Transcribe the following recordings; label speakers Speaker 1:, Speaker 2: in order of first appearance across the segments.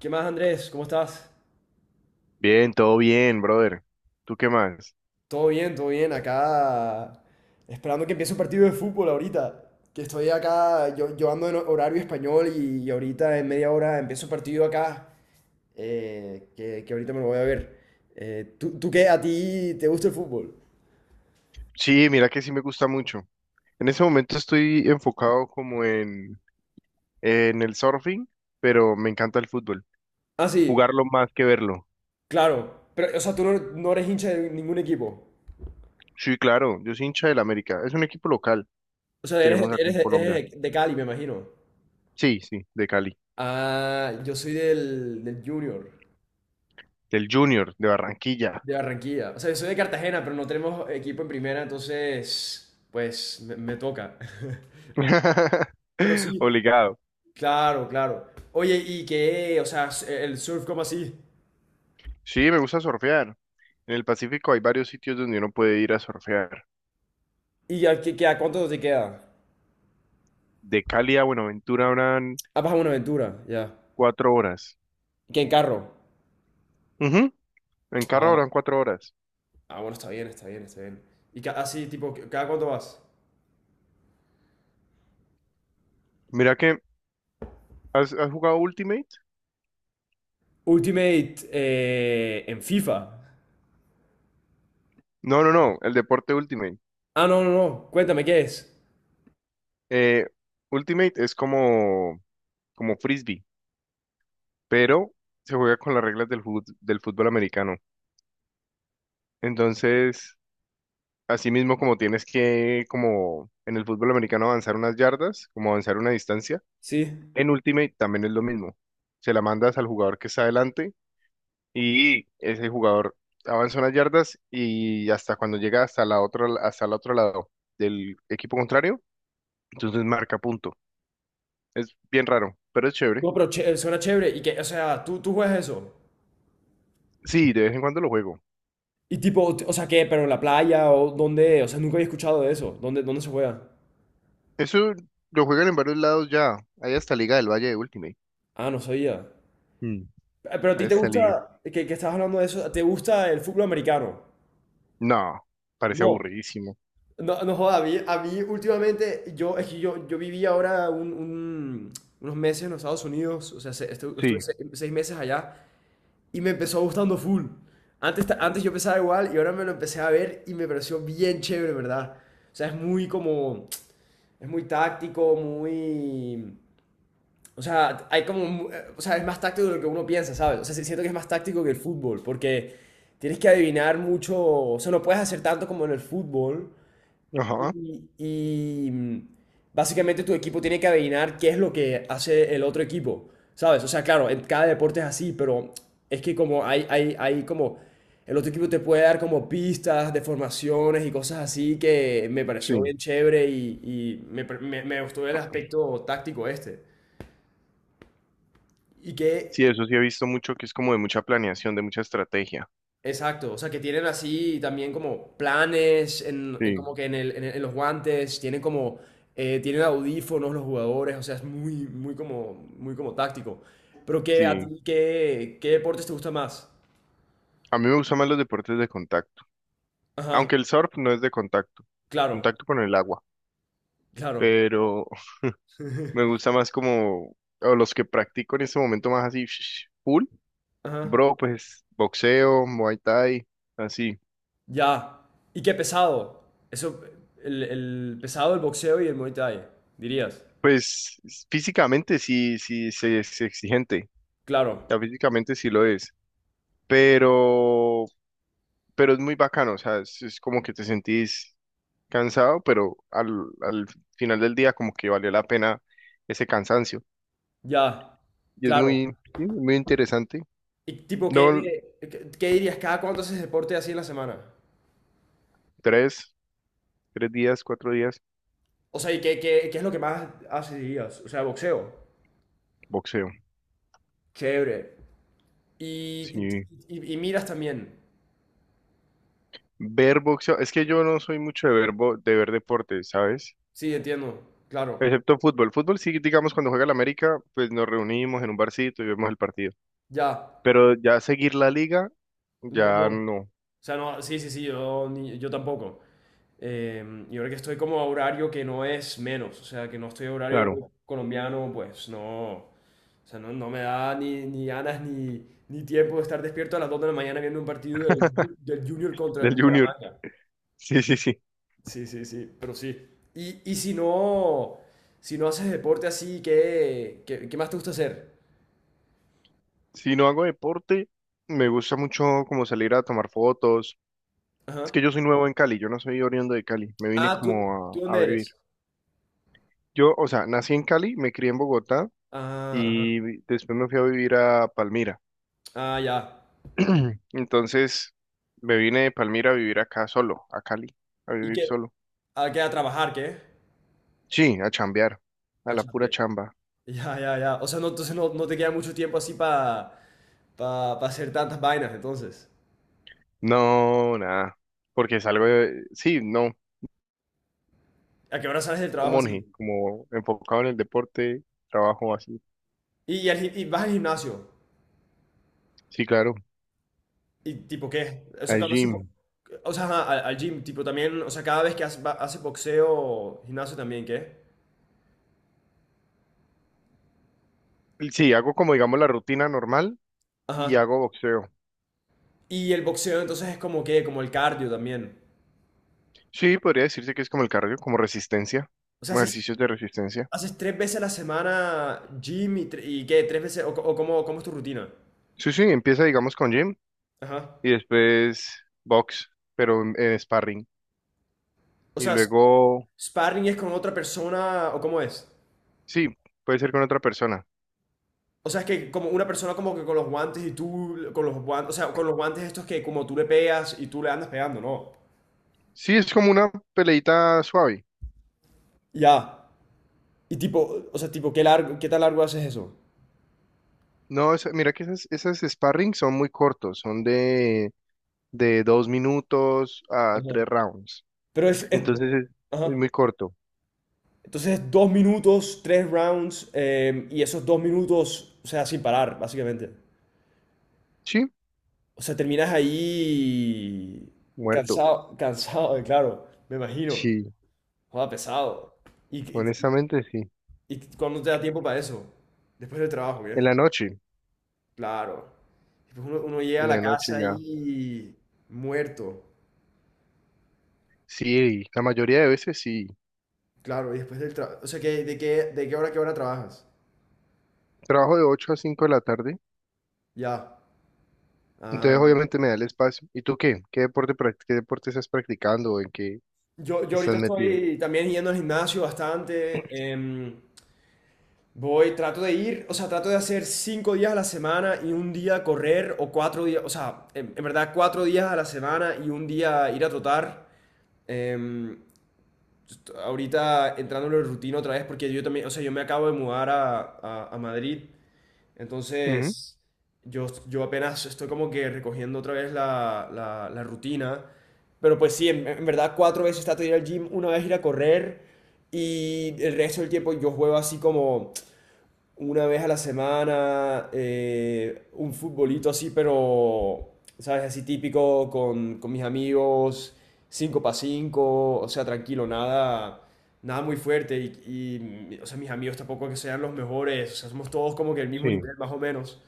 Speaker 1: ¿Qué más, Andrés? ¿Cómo estás?
Speaker 2: Bien, todo bien, brother. ¿Tú qué más?
Speaker 1: Todo bien, todo bien. Acá esperando que empiece un partido de fútbol ahorita. Que estoy acá, yo ando en horario español y ahorita en media hora empiezo un partido acá que ahorita me lo voy a ver. ¿Tú qué? ¿A ti te gusta el fútbol?
Speaker 2: Sí, mira que sí me gusta mucho. En ese momento estoy enfocado como en el surfing, pero me encanta el fútbol.
Speaker 1: Ah, sí,
Speaker 2: Jugarlo más que verlo.
Speaker 1: claro. Pero, o sea, tú no eres hincha de ningún equipo.
Speaker 2: Sí, claro, yo soy hincha del América. Es un equipo local
Speaker 1: O
Speaker 2: que
Speaker 1: sea,
Speaker 2: tenemos acá en Colombia.
Speaker 1: de Cali, me imagino.
Speaker 2: Sí, sí, de Cali.
Speaker 1: Ah, yo soy del Junior.
Speaker 2: Del Junior, de Barranquilla.
Speaker 1: De Barranquilla. O sea, yo soy de Cartagena, pero no tenemos equipo en primera, entonces, pues, me toca. Pero sí,
Speaker 2: Obligado.
Speaker 1: claro, claro. Oye, ¿y qué? O sea, el surf, ¿cómo así?
Speaker 2: Sí, me gusta surfear. En el Pacífico hay varios sitios donde uno puede ir a surfear.
Speaker 1: ¿Y a cuánto te queda?
Speaker 2: De Cali a Buenaventura habrán
Speaker 1: Ah, vas a Buenaventura, ya.
Speaker 2: 4 horas.
Speaker 1: ¿Qué en carro?
Speaker 2: En carro
Speaker 1: Ah,
Speaker 2: habrán 4 horas.
Speaker 1: ah, bueno, está bien, está bien, está bien. ¿Y así, tipo, cada cuánto vas?
Speaker 2: Mira que, ¿has jugado Ultimate?
Speaker 1: Ultimate en FIFA.
Speaker 2: No, no, no, el deporte Ultimate.
Speaker 1: Ah, no, no, no. Cuéntame, ¿qué es?
Speaker 2: Eh, Ultimate es como frisbee, pero se juega con las reglas del fútbol americano. Entonces, así mismo como tienes que, como en el fútbol americano, avanzar unas yardas, como avanzar una distancia,
Speaker 1: Sí.
Speaker 2: en Ultimate también es lo mismo. Se la mandas al jugador que está adelante y ese jugador avanza unas yardas y hasta cuando llega hasta el otro lado del equipo contrario, entonces marca punto. Es bien raro, pero es chévere.
Speaker 1: No, pero suena chévere. ¿Y qué? O sea, tú juegas eso?
Speaker 2: Sí, de vez en cuando lo juego.
Speaker 1: Y tipo, o sea, ¿qué? ¿Pero en la playa? ¿O dónde? O sea, nunca había escuchado de eso. Dónde se juega?
Speaker 2: Eso lo juegan en varios lados ya. Hay hasta Liga del Valle de Ultimate.
Speaker 1: Ah, no sabía.
Speaker 2: Mm.
Speaker 1: Pero a
Speaker 2: Hay
Speaker 1: ti te
Speaker 2: hasta Liga.
Speaker 1: gusta, que estabas hablando de eso, ¿te gusta el fútbol americano?
Speaker 2: No, parece
Speaker 1: No.
Speaker 2: aburridísimo.
Speaker 1: No, no joda, a mí últimamente, yo, es que yo viví ahora unos meses en los Estados Unidos, o sea, estuve,
Speaker 2: Sí,
Speaker 1: seis meses allá y me empezó gustando full. Antes, antes yo pensaba igual y ahora me lo empecé a ver y me pareció bien chévere, ¿verdad? O sea, es muy como, es muy táctico, muy, O sea, hay como, o sea, es más táctico de lo que uno piensa, ¿sabes? O sea, siento que es más táctico que el fútbol, porque tienes que adivinar mucho, o sea, no puedes hacer tanto como en el fútbol.
Speaker 2: ajá,
Speaker 1: Y, y, mm, básicamente tu equipo tiene que adivinar qué es lo que hace el otro equipo, ¿sabes? O sea, claro, en cada deporte es así, pero es que como hay como, el otro equipo te puede dar como pistas de formaciones y cosas así que me pareció
Speaker 2: sí.
Speaker 1: bien chévere y me gustó el aspecto táctico este. ¿Y qué,
Speaker 2: Sí, eso sí he visto mucho que es como de mucha planeación, de mucha estrategia.
Speaker 1: Exacto, o sea, que tienen así también como planes, en
Speaker 2: Sí,
Speaker 1: como que en en los guantes, tienen como, tienen audífonos los jugadores, o sea, muy como táctico. Pero qué a
Speaker 2: sí.
Speaker 1: ti, qué deportes te gusta más?
Speaker 2: A mí me gustan más los deportes de contacto.
Speaker 1: Ajá,
Speaker 2: Aunque el surf no es de contacto,
Speaker 1: claro,
Speaker 2: contacto con el agua,
Speaker 1: claro,
Speaker 2: pero me gusta más como, o los que practico en este momento más así, full,
Speaker 1: ajá,
Speaker 2: bro, pues boxeo, muay thai, así.
Speaker 1: ya. ¿Y qué pesado? Eso, el pesado del boxeo y el Muay Thai, dirías.
Speaker 2: Pues físicamente sí, sí, sí es exigente,
Speaker 1: Claro,
Speaker 2: o sea, físicamente sí lo es, pero, pero es muy bacano, o sea, es como que te sentís cansado, pero al final del día como que valió la pena ese cansancio.
Speaker 1: ya,
Speaker 2: Y es
Speaker 1: claro.
Speaker 2: muy, sí, muy interesante.
Speaker 1: Y tipo,
Speaker 2: No,
Speaker 1: qué dirías? ¿Cada cuánto haces deporte así en la semana?
Speaker 2: Tres, tres días, 4 días,
Speaker 1: O sea, ¿y qué es lo que más hacías? O sea, boxeo.
Speaker 2: boxeo.
Speaker 1: Chévere. Y, y,
Speaker 2: Sí,
Speaker 1: y miras también.
Speaker 2: ver boxeo. Es que yo no soy mucho de ver deportes, ¿sabes?
Speaker 1: Sí, entiendo. Claro.
Speaker 2: Excepto fútbol. Fútbol sí, digamos, cuando juega el América, pues nos reunimos en un barcito y vemos el partido.
Speaker 1: Ya.
Speaker 2: Pero ya seguir la liga,
Speaker 1: No, no.
Speaker 2: ya
Speaker 1: O
Speaker 2: no.
Speaker 1: sea, no, sí, sí, sí, yo tampoco. Y ahora que estoy como a horario que no es menos, o sea, que no estoy a
Speaker 2: Claro,
Speaker 1: horario colombiano, pues no. O sea, no, no me da ni ganas ni tiempo de estar despierto a las 2 de la mañana viendo un partido del Junior contra el
Speaker 2: del Junior.
Speaker 1: Bucaramanga.
Speaker 2: Sí, sí, sí.
Speaker 1: Sí, sí, sí, pero sí. Y, y si no, si no haces deporte así, qué más te gusta hacer?
Speaker 2: Si no hago deporte, me gusta mucho como salir a tomar fotos. Es
Speaker 1: Ajá.
Speaker 2: que yo soy nuevo en Cali, yo no soy oriundo de Cali. Me vine
Speaker 1: Ah, tú
Speaker 2: como a
Speaker 1: dónde
Speaker 2: vivir.
Speaker 1: eres?
Speaker 2: Yo, o sea, nací en Cali, me crié en Bogotá.
Speaker 1: Ah, ajá.
Speaker 2: Y después me fui a vivir a Palmira.
Speaker 1: Ah, ya.
Speaker 2: Entonces me vine de Palmira a vivir acá solo, a Cali, a
Speaker 1: ¿Y
Speaker 2: vivir
Speaker 1: qué?
Speaker 2: solo.
Speaker 1: ¿A qué? ¿A trabajar, qué?
Speaker 2: Sí, a chambear, a
Speaker 1: Ah,
Speaker 2: la pura
Speaker 1: chambear.
Speaker 2: chamba.
Speaker 1: Ya, ya, ya. O sea, no, entonces no, no te queda mucho tiempo así para pa, pa hacer tantas vainas, entonces.
Speaker 2: No, nada, porque salgo de, sí, no,
Speaker 1: ¿A qué hora sales del
Speaker 2: como
Speaker 1: trabajo así?
Speaker 2: monje, como enfocado en el deporte, trabajo así.
Speaker 1: Y vas al gimnasio.
Speaker 2: Sí, claro,
Speaker 1: ¿Y tipo qué? O sea,
Speaker 2: al
Speaker 1: cuando haces bo-
Speaker 2: gym.
Speaker 1: o sea, ajá, al, al gym, tipo también, o sea, cada vez que haces boxeo, gimnasio también, ¿qué?
Speaker 2: Sí, hago como digamos la rutina normal y
Speaker 1: Ajá.
Speaker 2: hago boxeo.
Speaker 1: Y el boxeo entonces es como que, como el cardio también.
Speaker 2: Sí, podría decirse que es como el cardio, como resistencia,
Speaker 1: O sea,
Speaker 2: como ejercicios de resistencia.
Speaker 1: haces tres veces a la semana gym y tres veces, o cómo, cómo es tu rutina.
Speaker 2: Sí, sí, empieza digamos con gym.
Speaker 1: Ajá.
Speaker 2: Y después box, pero en sparring.
Speaker 1: O
Speaker 2: Y
Speaker 1: sea, s-
Speaker 2: luego,
Speaker 1: sparring es con otra persona, o cómo es.
Speaker 2: sí, puede ser con otra persona.
Speaker 1: O sea, es que como una persona como que con los guantes y con los guantes, o sea, con los guantes estos que como tú le pegas y tú le andas pegando, ¿no?
Speaker 2: Sí, es como una peleita suave.
Speaker 1: Ya. Y tipo, o sea, tipo, qué tan largo haces eso?
Speaker 2: No, mira que esas sparring son muy cortos, son de 2 minutos a
Speaker 1: Ajá.
Speaker 2: 3 rounds.
Speaker 1: Pero es, es-
Speaker 2: Entonces es
Speaker 1: ajá.
Speaker 2: muy corto.
Speaker 1: Entonces, dos minutos, tres rounds, y esos dos minutos, o sea, sin parar, básicamente.
Speaker 2: Sí,
Speaker 1: O sea, terminas ahí
Speaker 2: muerto.
Speaker 1: cansado, cansado, claro, me imagino.
Speaker 2: Sí,
Speaker 1: Joda, pesado. ¿Y, y,
Speaker 2: honestamente sí.
Speaker 1: y cuándo te da tiempo para eso? Después del trabajo,
Speaker 2: En
Speaker 1: ¿qué?
Speaker 2: la noche,
Speaker 1: Claro. Después uno llega a
Speaker 2: en
Speaker 1: la
Speaker 2: la noche
Speaker 1: casa
Speaker 2: ya.
Speaker 1: ahí muerto.
Speaker 2: Sí, la mayoría de veces sí.
Speaker 1: Claro, y después del trabajo. O sea, de qué hora a qué hora trabajas?
Speaker 2: Trabajo de 8 a 5 de la tarde.
Speaker 1: Ya.
Speaker 2: Entonces,
Speaker 1: Ah,
Speaker 2: obviamente, me da el espacio. ¿Y tú qué? ¿Qué deporte estás practicando o en qué
Speaker 1: Yo
Speaker 2: estás
Speaker 1: ahorita
Speaker 2: metido?
Speaker 1: estoy también yendo al gimnasio bastante. Em, voy, trato de ir, o sea, trato de hacer cinco días a la semana y un día correr o cuatro días, o sea, en verdad cuatro días a la semana y un día ir a trotar. Em, ahorita entrando en la rutina otra vez porque yo también, o sea, yo me acabo de mudar a, a Madrid
Speaker 2: Ujú,
Speaker 1: entonces, yo apenas estoy como que recogiendo otra vez la rutina. Pero pues sí, en verdad cuatro veces trato de ir al gym, una vez ir a correr y el resto del tiempo yo juego así como una vez a la semana, un futbolito así, pero, ¿sabes? Así típico con mis amigos, 5 para 5 o sea, tranquilo, nada, nada muy fuerte. Y, o sea, mis amigos tampoco que sean los mejores, o sea, somos todos como que el mismo
Speaker 2: sí,
Speaker 1: nivel, más o menos.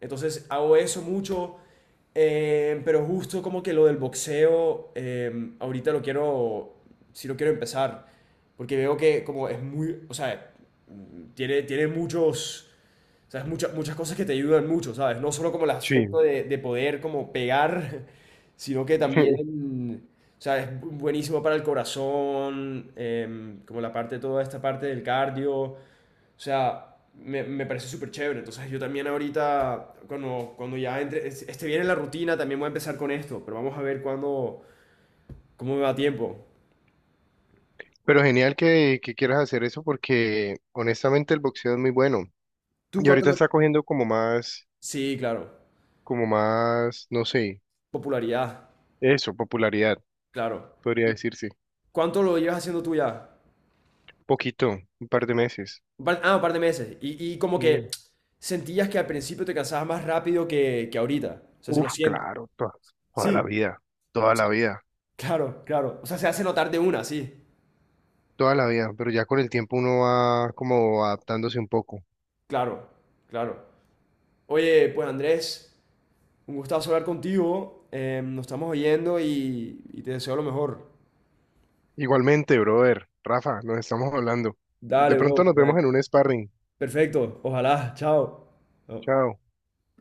Speaker 1: Entonces hago eso mucho, pero justo como que lo del boxeo, ahorita lo quiero, sí lo quiero empezar, porque veo que como es muy, o sea, tiene muchos, ¿sabes? Muchas cosas que te ayudan mucho, ¿sabes? No solo como el
Speaker 2: sí.
Speaker 1: aspecto de poder como pegar, sino que también, o sea, es buenísimo para el corazón, em, como la parte, toda esta parte del cardio. O sea, me parece súper chévere. Entonces yo también ahorita, cuando ya entre, esté bien en la rutina, también voy a empezar con esto, pero vamos a ver cuándo, cómo me va tiempo.
Speaker 2: Pero genial que, quieras hacer eso porque honestamente el boxeo es muy bueno.
Speaker 1: ¿Tú
Speaker 2: Y
Speaker 1: cuánto
Speaker 2: ahorita
Speaker 1: lo...
Speaker 2: está cogiendo como más,
Speaker 1: Sí, claro.
Speaker 2: no sé,
Speaker 1: Popularidad,
Speaker 2: eso, popularidad,
Speaker 1: claro.
Speaker 2: podría
Speaker 1: ¿Y
Speaker 2: decirse.
Speaker 1: ¿Cuánto lo llevas haciendo tú ya?
Speaker 2: Poquito, un par de meses.
Speaker 1: Ah, un par de meses. Y como
Speaker 2: Mm,
Speaker 1: que sentías que al principio te cansabas más rápido que ahorita. O sea, se lo
Speaker 2: uf,
Speaker 1: siento.
Speaker 2: claro, toda la
Speaker 1: Sí,
Speaker 2: vida, toda la vida,
Speaker 1: claro, claro. O sea, se hace notar de una, sí.
Speaker 2: toda la vida. Pero ya con el tiempo uno va como adaptándose un poco.
Speaker 1: Claro, claro. Oye, pues Andrés, un gustazo hablar contigo. Eh, nos estamos oyendo y te deseo lo mejor.
Speaker 2: Igualmente, brother. Rafa, nos estamos hablando. De
Speaker 1: Dale, bro.
Speaker 2: pronto nos vemos en un sparring.
Speaker 1: Perfecto. Ojalá. Chao. Chao.
Speaker 2: Chao.